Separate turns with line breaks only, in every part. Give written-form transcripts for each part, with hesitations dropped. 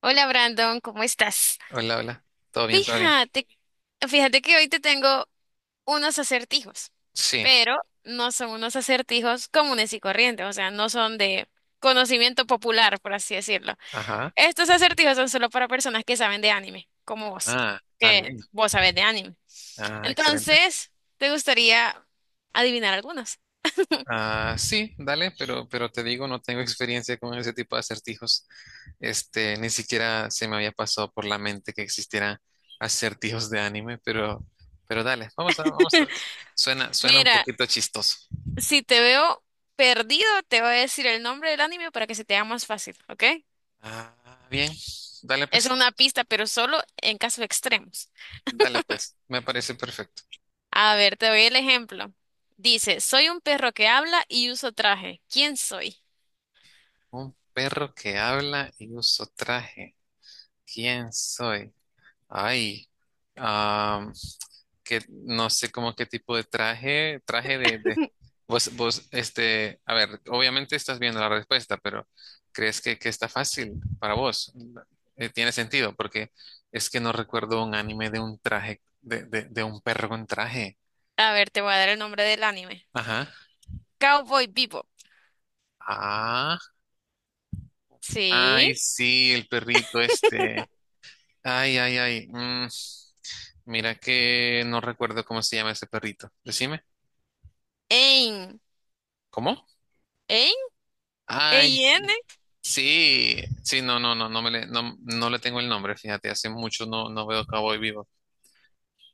Hola Brandon, ¿cómo estás?
Hola, hola. Todo bien, todo bien.
Fíjate, fíjate que hoy te tengo unos acertijos,
Sí,
pero no son unos acertijos comunes y corrientes, o sea, no son de conocimiento popular, por así decirlo.
ajá.
Estos acertijos son solo para personas que saben de anime, como vos, que
Bien.
vos sabés de anime.
Ah, excelente.
Entonces, ¿te gustaría adivinar algunos?
Ah, sí, dale, pero te digo, no tengo experiencia con ese tipo de acertijos. Ni siquiera se me había pasado por la mente que existieran acertijos de anime, pero dale, vamos a. Suena un
Mira,
poquito chistoso.
si te veo perdido, te voy a decir el nombre del anime para que se te haga más fácil, ¿ok?
Ah, bien. Dale
Es
pues,
una pista, pero solo en casos extremos.
dale pues. Me parece perfecto.
A ver, te doy el ejemplo. Dice, soy un perro que habla y uso traje. ¿Quién soy?
Un perro que habla y uso traje. ¿Quién soy? Ay, am, que no sé cómo qué tipo de traje, a ver, obviamente estás viendo la respuesta, pero ¿crees que está fácil para vos? Tiene sentido, porque es que no recuerdo un anime de un traje, de un perro con traje.
A ver, te voy a dar el nombre del anime.
Ajá.
Cowboy Bebop.
Ah,
Sí.
ay, sí, el perrito este. Ay, ay, ay. Mira que no recuerdo cómo se llama ese perrito. Decime.
Ein.
¿Cómo?
Ein.
Ay,
Ein.
sí, sí, sí, no no le tengo el nombre, fíjate, hace mucho no, no veo Cowboy Vivo.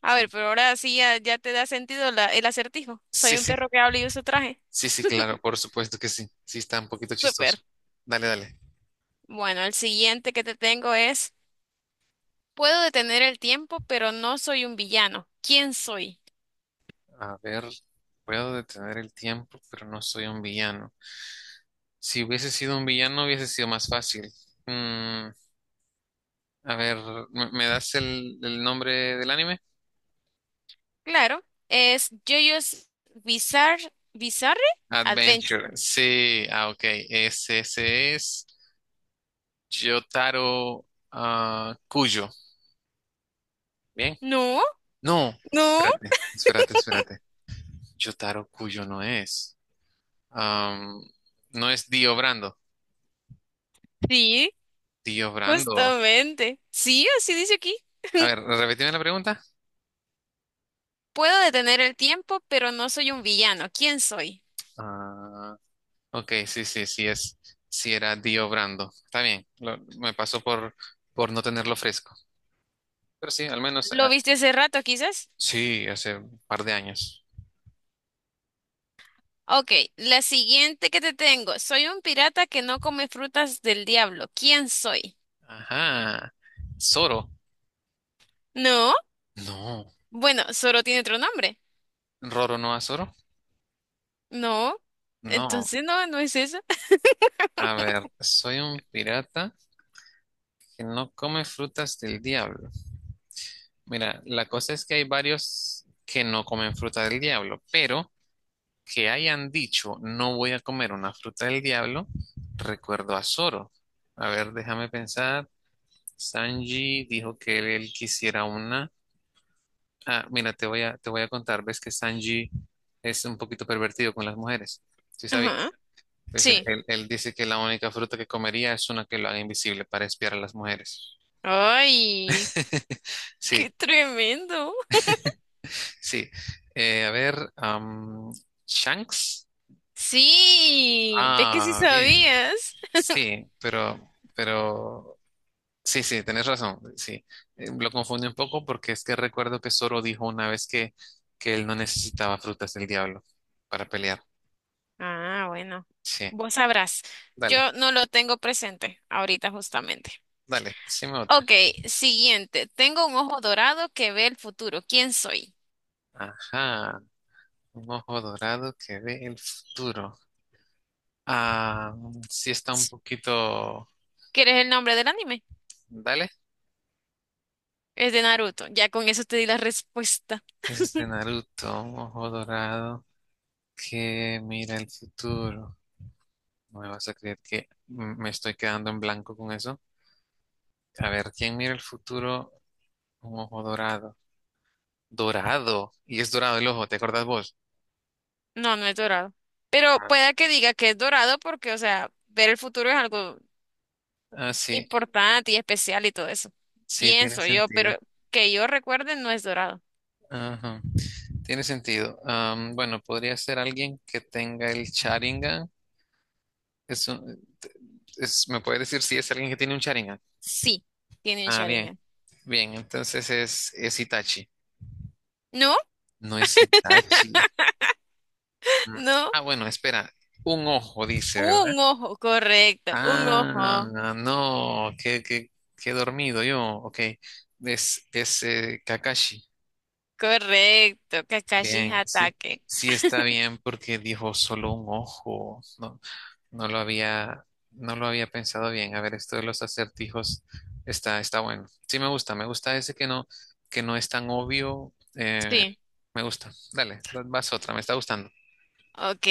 A ver,
Sí.
pero ahora sí ya, ya te da sentido la- el acertijo.
Sí,
Soy un
sí,
perro que habla y uso traje.
sí, sí, claro, por supuesto que sí, sí está un poquito
Súper.
chistoso. Dale, dale.
Bueno, el siguiente que te tengo es, puedo detener el tiempo, pero no soy un villano. ¿Quién soy?
A ver, puedo detener el tiempo, pero no soy un villano. Si hubiese sido un villano, hubiese sido más fácil. Mm, a ver, me das el nombre del anime?
Claro, es JoJo's Bizarre, Bizarre
Adventure,
Adventure.
sí, ah, ok, ese es Yotaro ah, Kujo. Bien.
No,
No,
no,
espérate. Jotaro Kujo no es. Am, no es Dio Brando.
sí,
Dio Brando.
justamente. Sí, así dice aquí.
A ver, repetime la pregunta.
Puedo detener el tiempo, pero no soy un villano. ¿Quién soy?
Ah, ok, sí, sí, sí es. Sí era Dio Brando. Está bien, me pasó por no tenerlo fresco. Pero sí, al menos,
¿Lo
ah,
viste hace rato, quizás?
sí, hace un par de años.
Ok, la siguiente que te tengo. Soy un pirata que no come frutas del diablo. ¿Quién soy?
Ajá. Zoro.
No,
No.
bueno, solo tiene otro nombre.
¿Roro no a Zoro?
No,
No.
entonces no, no es eso.
A ver, soy un pirata que no come frutas del diablo. Mira, la cosa es que hay varios que no comen fruta del diablo, pero que hayan dicho no voy a comer una fruta del diablo, recuerdo a Zoro. A ver, déjame pensar. Sanji dijo que él quisiera una. Ah, mira, te voy a contar. Ves que Sanji es un poquito pervertido con las mujeres. Sí,
Ajá,
sabes. Pues
sí.
él dice que la única fruta que comería es una que lo haga invisible para espiar a las mujeres.
Ay,
Sí,
qué tremendo.
sí. A ver, Shanks.
Sí, ves que sí
Ah, bien.
sabías.
Sí, sí, sí, tenés razón. Sí, eh, lo confundí un poco porque es que recuerdo que Zoro dijo una vez que él no necesitaba frutas del diablo para pelear.
Ah, bueno,
Sí,
vos sabrás.
dale,
Yo no lo tengo presente ahorita justamente.
dale, decime otra.
Ok, siguiente. Tengo un ojo dorado que ve el futuro. ¿Quién soy?
Ajá, un ojo dorado que ve el futuro. Ah, sí está un poquito.
¿Quieres el nombre del anime?
Dale,
Es de Naruto. Ya con eso te di la respuesta.
es de Naruto, un ojo dorado que mira el futuro. No me vas a creer que me estoy quedando en blanco con eso. A ver, ¿quién mira el futuro? Un ojo dorado. Dorado. Y es dorado el ojo, ¿te acordás vos?
No, no es dorado. Pero pueda que diga que es dorado porque, o sea, ver el futuro es algo
Ah, sí,
importante y especial y todo eso.
sí, tiene
Pienso yo,
sentido.
pero que yo recuerde no es dorado.
Ajá, tiene sentido. Bueno, podría ser alguien que tenga el Sharingan. Es un- ¿Me puede decir si es alguien que tiene un Sharingan?
Sí, tiene un
Ah, bien,
Sharingan.
bien. Entonces es Itachi.
¿No?
No es Itachi. Mm,
¿No?
Ah, bueno, espera. Un ojo, dice, ¿verdad?
Un ojo, correcto, un ojo,
Ah, no, qué dormido yo. Ok, es Kakashi.
correcto. Kakashi
Bien, sí,
ataque.
sí está bien porque dijo solo un ojo. No, no lo había, no lo había pensado bien. A ver, esto de los acertijos está bueno. Sí, me gusta ese que no es tan obvio. Eh,
Sí,
me gusta. Dale, vas otra, me está gustando.
ok.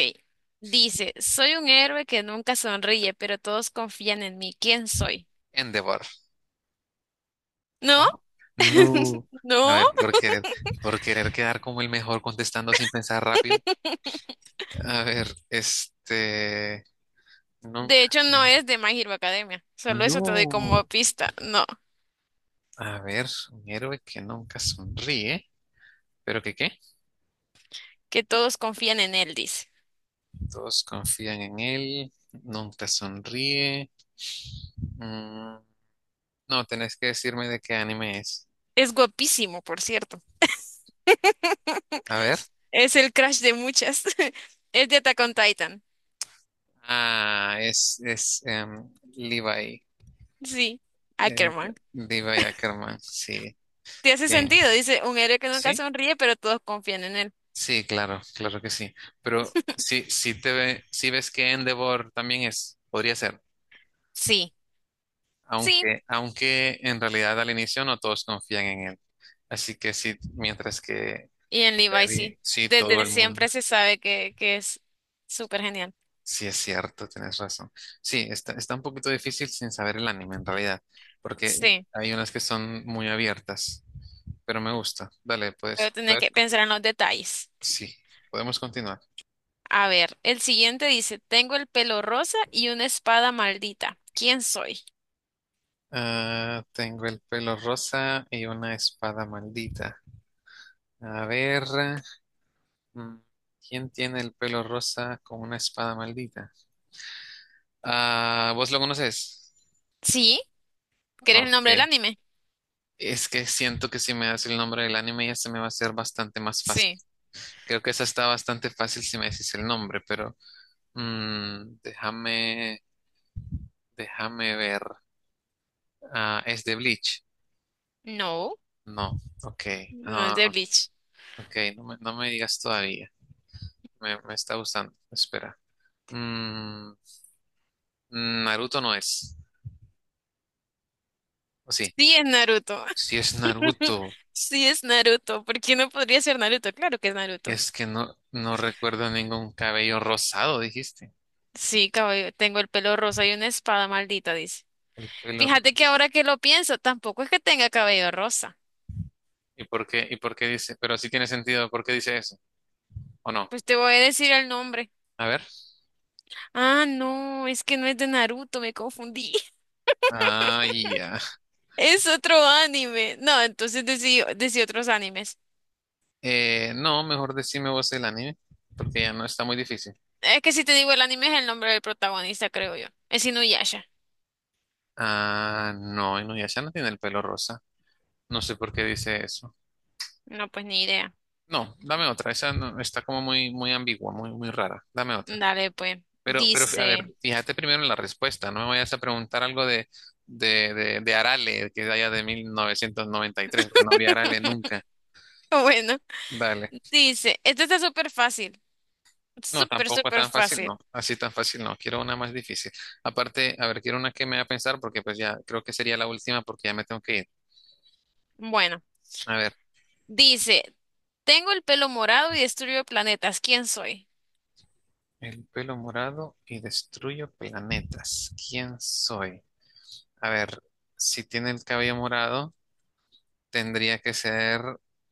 Dice, soy un héroe que nunca sonríe, pero todos confían en mí. ¿Quién soy?
Endeavor.
¿No?
¿No? No. A
No.
ver, por querer quedar como el mejor contestando sin pensar rápido. A ver,
De
nunca.
hecho, no
Son-
es de My Hero Academia. Solo eso te doy como
No.
pista. No,
A ver, un héroe que nunca sonríe, pero ¿que qué?
que todos confían en él, dice.
Todos confían en él, nunca sonríe. Mm, no, tenés que decirme de qué anime es.
Es guapísimo, por cierto.
A ver.
Es el crush de muchas. Es de Attack on Titan.
Ah, es Levi.
Sí,
Eh,
Ackerman.
Levi Ackerman, sí.
Te hace
Bien.
sentido, dice, un héroe que nunca
¿Sí?
sonríe, pero todos confían en él.
Sí, claro, claro que sí. Pero sí, sí ves que Endeavor también es, podría ser,
Sí, sí,
aunque en realidad al inicio no todos confían en él. Así que sí, mientras que
y en Levi
Levi,
sí.
sí, todo
Desde
el mundo.
siempre se sabe que es súper genial.
Sí, es cierto, tienes razón. Sí, está un poquito difícil sin saber el anime en realidad, porque
Sí,
hay unas que son muy abiertas, pero me gusta. Dale,
pero
pues,
tenés
puedes,
que pensar en los detalles.
sí, podemos continuar.
A ver, el siguiente dice, tengo el pelo rosa y una espada maldita. ¿Quién soy?
Ah, tengo el pelo rosa y una espada maldita. A ver, mm, ¿quién tiene el pelo rosa con una espada maldita? Ah, ¿vos lo conoces?
Sí, ¿querés el
Ok.
nombre del anime?
Es que siento que si me das el nombre del anime ya se me va a hacer bastante más fácil.
Sí.
Creo que esa está bastante fácil si me decís el nombre, pero mm, déjame, déjame ver. Ah, ¿es de Bleach?
No,
No. Ok.
no es
Ah,
de Bleach.
ok, no me digas todavía. Me está gustando. Espera. Mm, Naruto no es. O sí,
Sí es Naruto.
si es Naruto,
Sí es Naruto. ¿Por qué no podría ser Naruto? Claro que es Naruto.
es que no, no recuerdo ningún cabello rosado, dijiste.
Sí, cabello, tengo el pelo rosa y una espada maldita, dice.
El pelo. Ro-
Fíjate que ahora que lo pienso, tampoco es que tenga cabello rosa.
¿Y por qué? ¿Y por qué dice? Pero sí tiene sentido, ¿por qué dice eso? ¿O no?
Pues te voy a decir el nombre.
A ver.
Ah, no, es que no es de Naruto, me confundí.
Ah, ya.
Es otro anime. No, entonces decí, decí otros animes.
No, mejor decime vos el anime, porque ya no está muy difícil.
Es que si te digo el anime es el nombre del protagonista, creo yo. Es Inuyasha.
Ah, no, Inuyasha no tiene el pelo rosa. No sé por qué dice eso.
No, pues ni idea.
No, dame otra. Esa está como muy, muy ambigua, muy, muy rara. Dame otra.
Dale, pues.
A ver,
Dice.
fíjate primero en la respuesta. No me vayas a preguntar algo de, de Arale, que es de allá de 1993, porque no había Arale nunca.
Bueno,
Dale.
dice. Esto está súper fácil.
No,
Súper,
tampoco
súper
tan fácil, no.
fácil.
Así tan fácil, no. Quiero una más difícil. Aparte, a ver, quiero una que me haga pensar, porque pues ya creo que sería la última, porque ya me tengo que ir.
Bueno.
A ver,
Dice, tengo el pelo morado y destruyo planetas. ¿Quién soy?
el pelo morado y destruyo planetas. ¿Quién soy? A ver, si tiene el cabello morado, tendría que ser,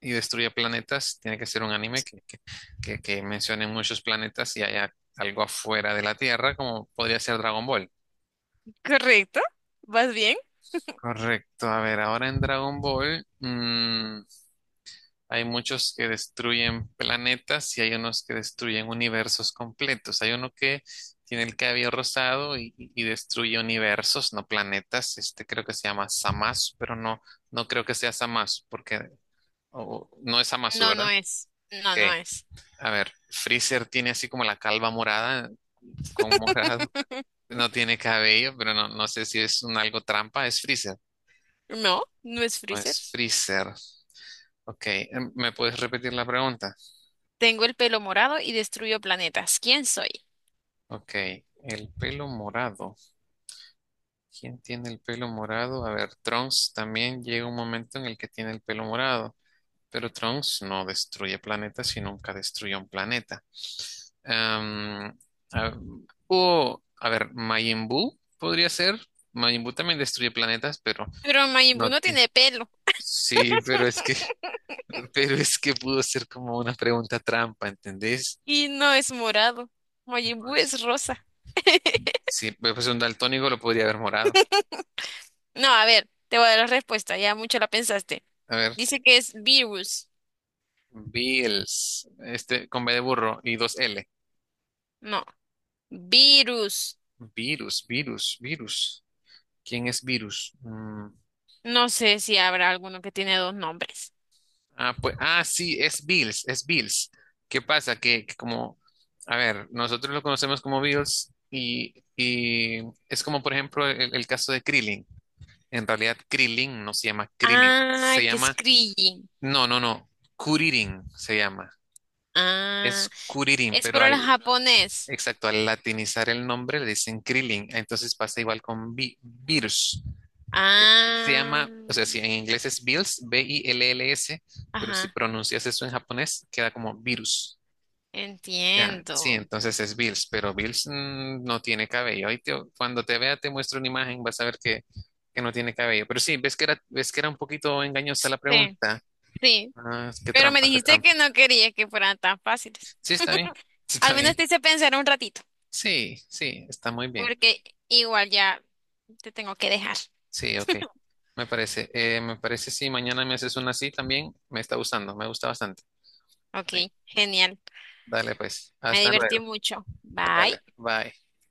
y destruye planetas, tiene que ser un anime que mencione muchos planetas y haya algo afuera de la Tierra, como podría ser Dragon Ball.
¿Correcto? ¿Vas bien?
Correcto, a ver, ahora en Dragon Ball hay muchos que destruyen planetas y hay unos que destruyen universos completos. Hay uno que tiene el cabello rosado y destruye universos, no planetas. Este creo que se llama Zamasu, pero no, no creo que sea Zamasu porque no es Zamasu,
No,
¿verdad?
no es. No, no
Ok.
es.
A ver, Freezer tiene así como la calva morada, con morado. No tiene cabello, pero no, no sé si es un algo trampa. Es Freezer.
No, no es
No es
Freezer.
Freezer. Ok, ¿me puedes repetir la pregunta?
Tengo el pelo morado y destruyo planetas. ¿Quién soy?
Ok, el pelo morado. ¿Quién tiene el pelo morado? A ver, Trunks también llega un momento en el que tiene el pelo morado. Pero Trunks no destruye planetas y nunca destruyó un planeta. Am, a- a ver, Majin Buu podría ser. Majin Buu también destruye planetas, pero
Pero Majin Buu
no
no
tiene.
tiene pelo
Sí, pero es que, pero es que pudo ser como una pregunta trampa, ¿entendés?
y no es morado. Majin Buu
Pues,
es rosa.
sí, pues un daltónico lo podría haber morado.
No, a ver, te voy a dar la respuesta. Ya mucho la pensaste.
A ver,
Dice que es virus.
Bills, este con B de burro y dos L.
No, virus.
Virus, virus. ¿Quién es virus?
No sé si habrá alguno que tiene dos nombres.
Ah, pues, ah, sí, es Bills. ¿Qué pasa? Que como, a ver, nosotros lo conocemos como Bills y es como, por ejemplo, el caso de Krillin. En realidad, Krillin no se llama Krillin,
Ah,
se
que es
llama,
Krillin.
no, Kuririn se llama.
Ah,
Es Kuririn,
es
pero
por el
al,
japonés.
exacto, al latinizar el nombre le dicen Krillin. Entonces pasa igual con Beers. Él se
Ah,
llama, o sea, si en inglés es Bills, B-I-L-L-S, pero si
ajá,
pronuncias eso en japonés, queda como virus. Ya, sí,
entiendo.
entonces es Bills, pero Bills no tiene cabello. Cuando te vea, te muestro una imagen, vas a ver que no tiene cabello. Pero sí, ves que era un poquito engañosa la
Sí,
pregunta.
sí.
Ah, qué
Pero me
trampa, qué
dijiste
trampa.
que no querías que fueran tan fáciles.
Sí, está bien, sí, está
Al menos
bien.
te hice pensar un ratito,
Sí, sí, está muy bien.
porque igual ya te tengo que dejar.
Sí, ok. Me parece, eh, me parece, sí, mañana me haces una así también, me está gustando, me gusta bastante.
Ok, genial.
Dale pues,
Me
hasta
divertí
luego.
mucho.
Dale,
Bye.
bye.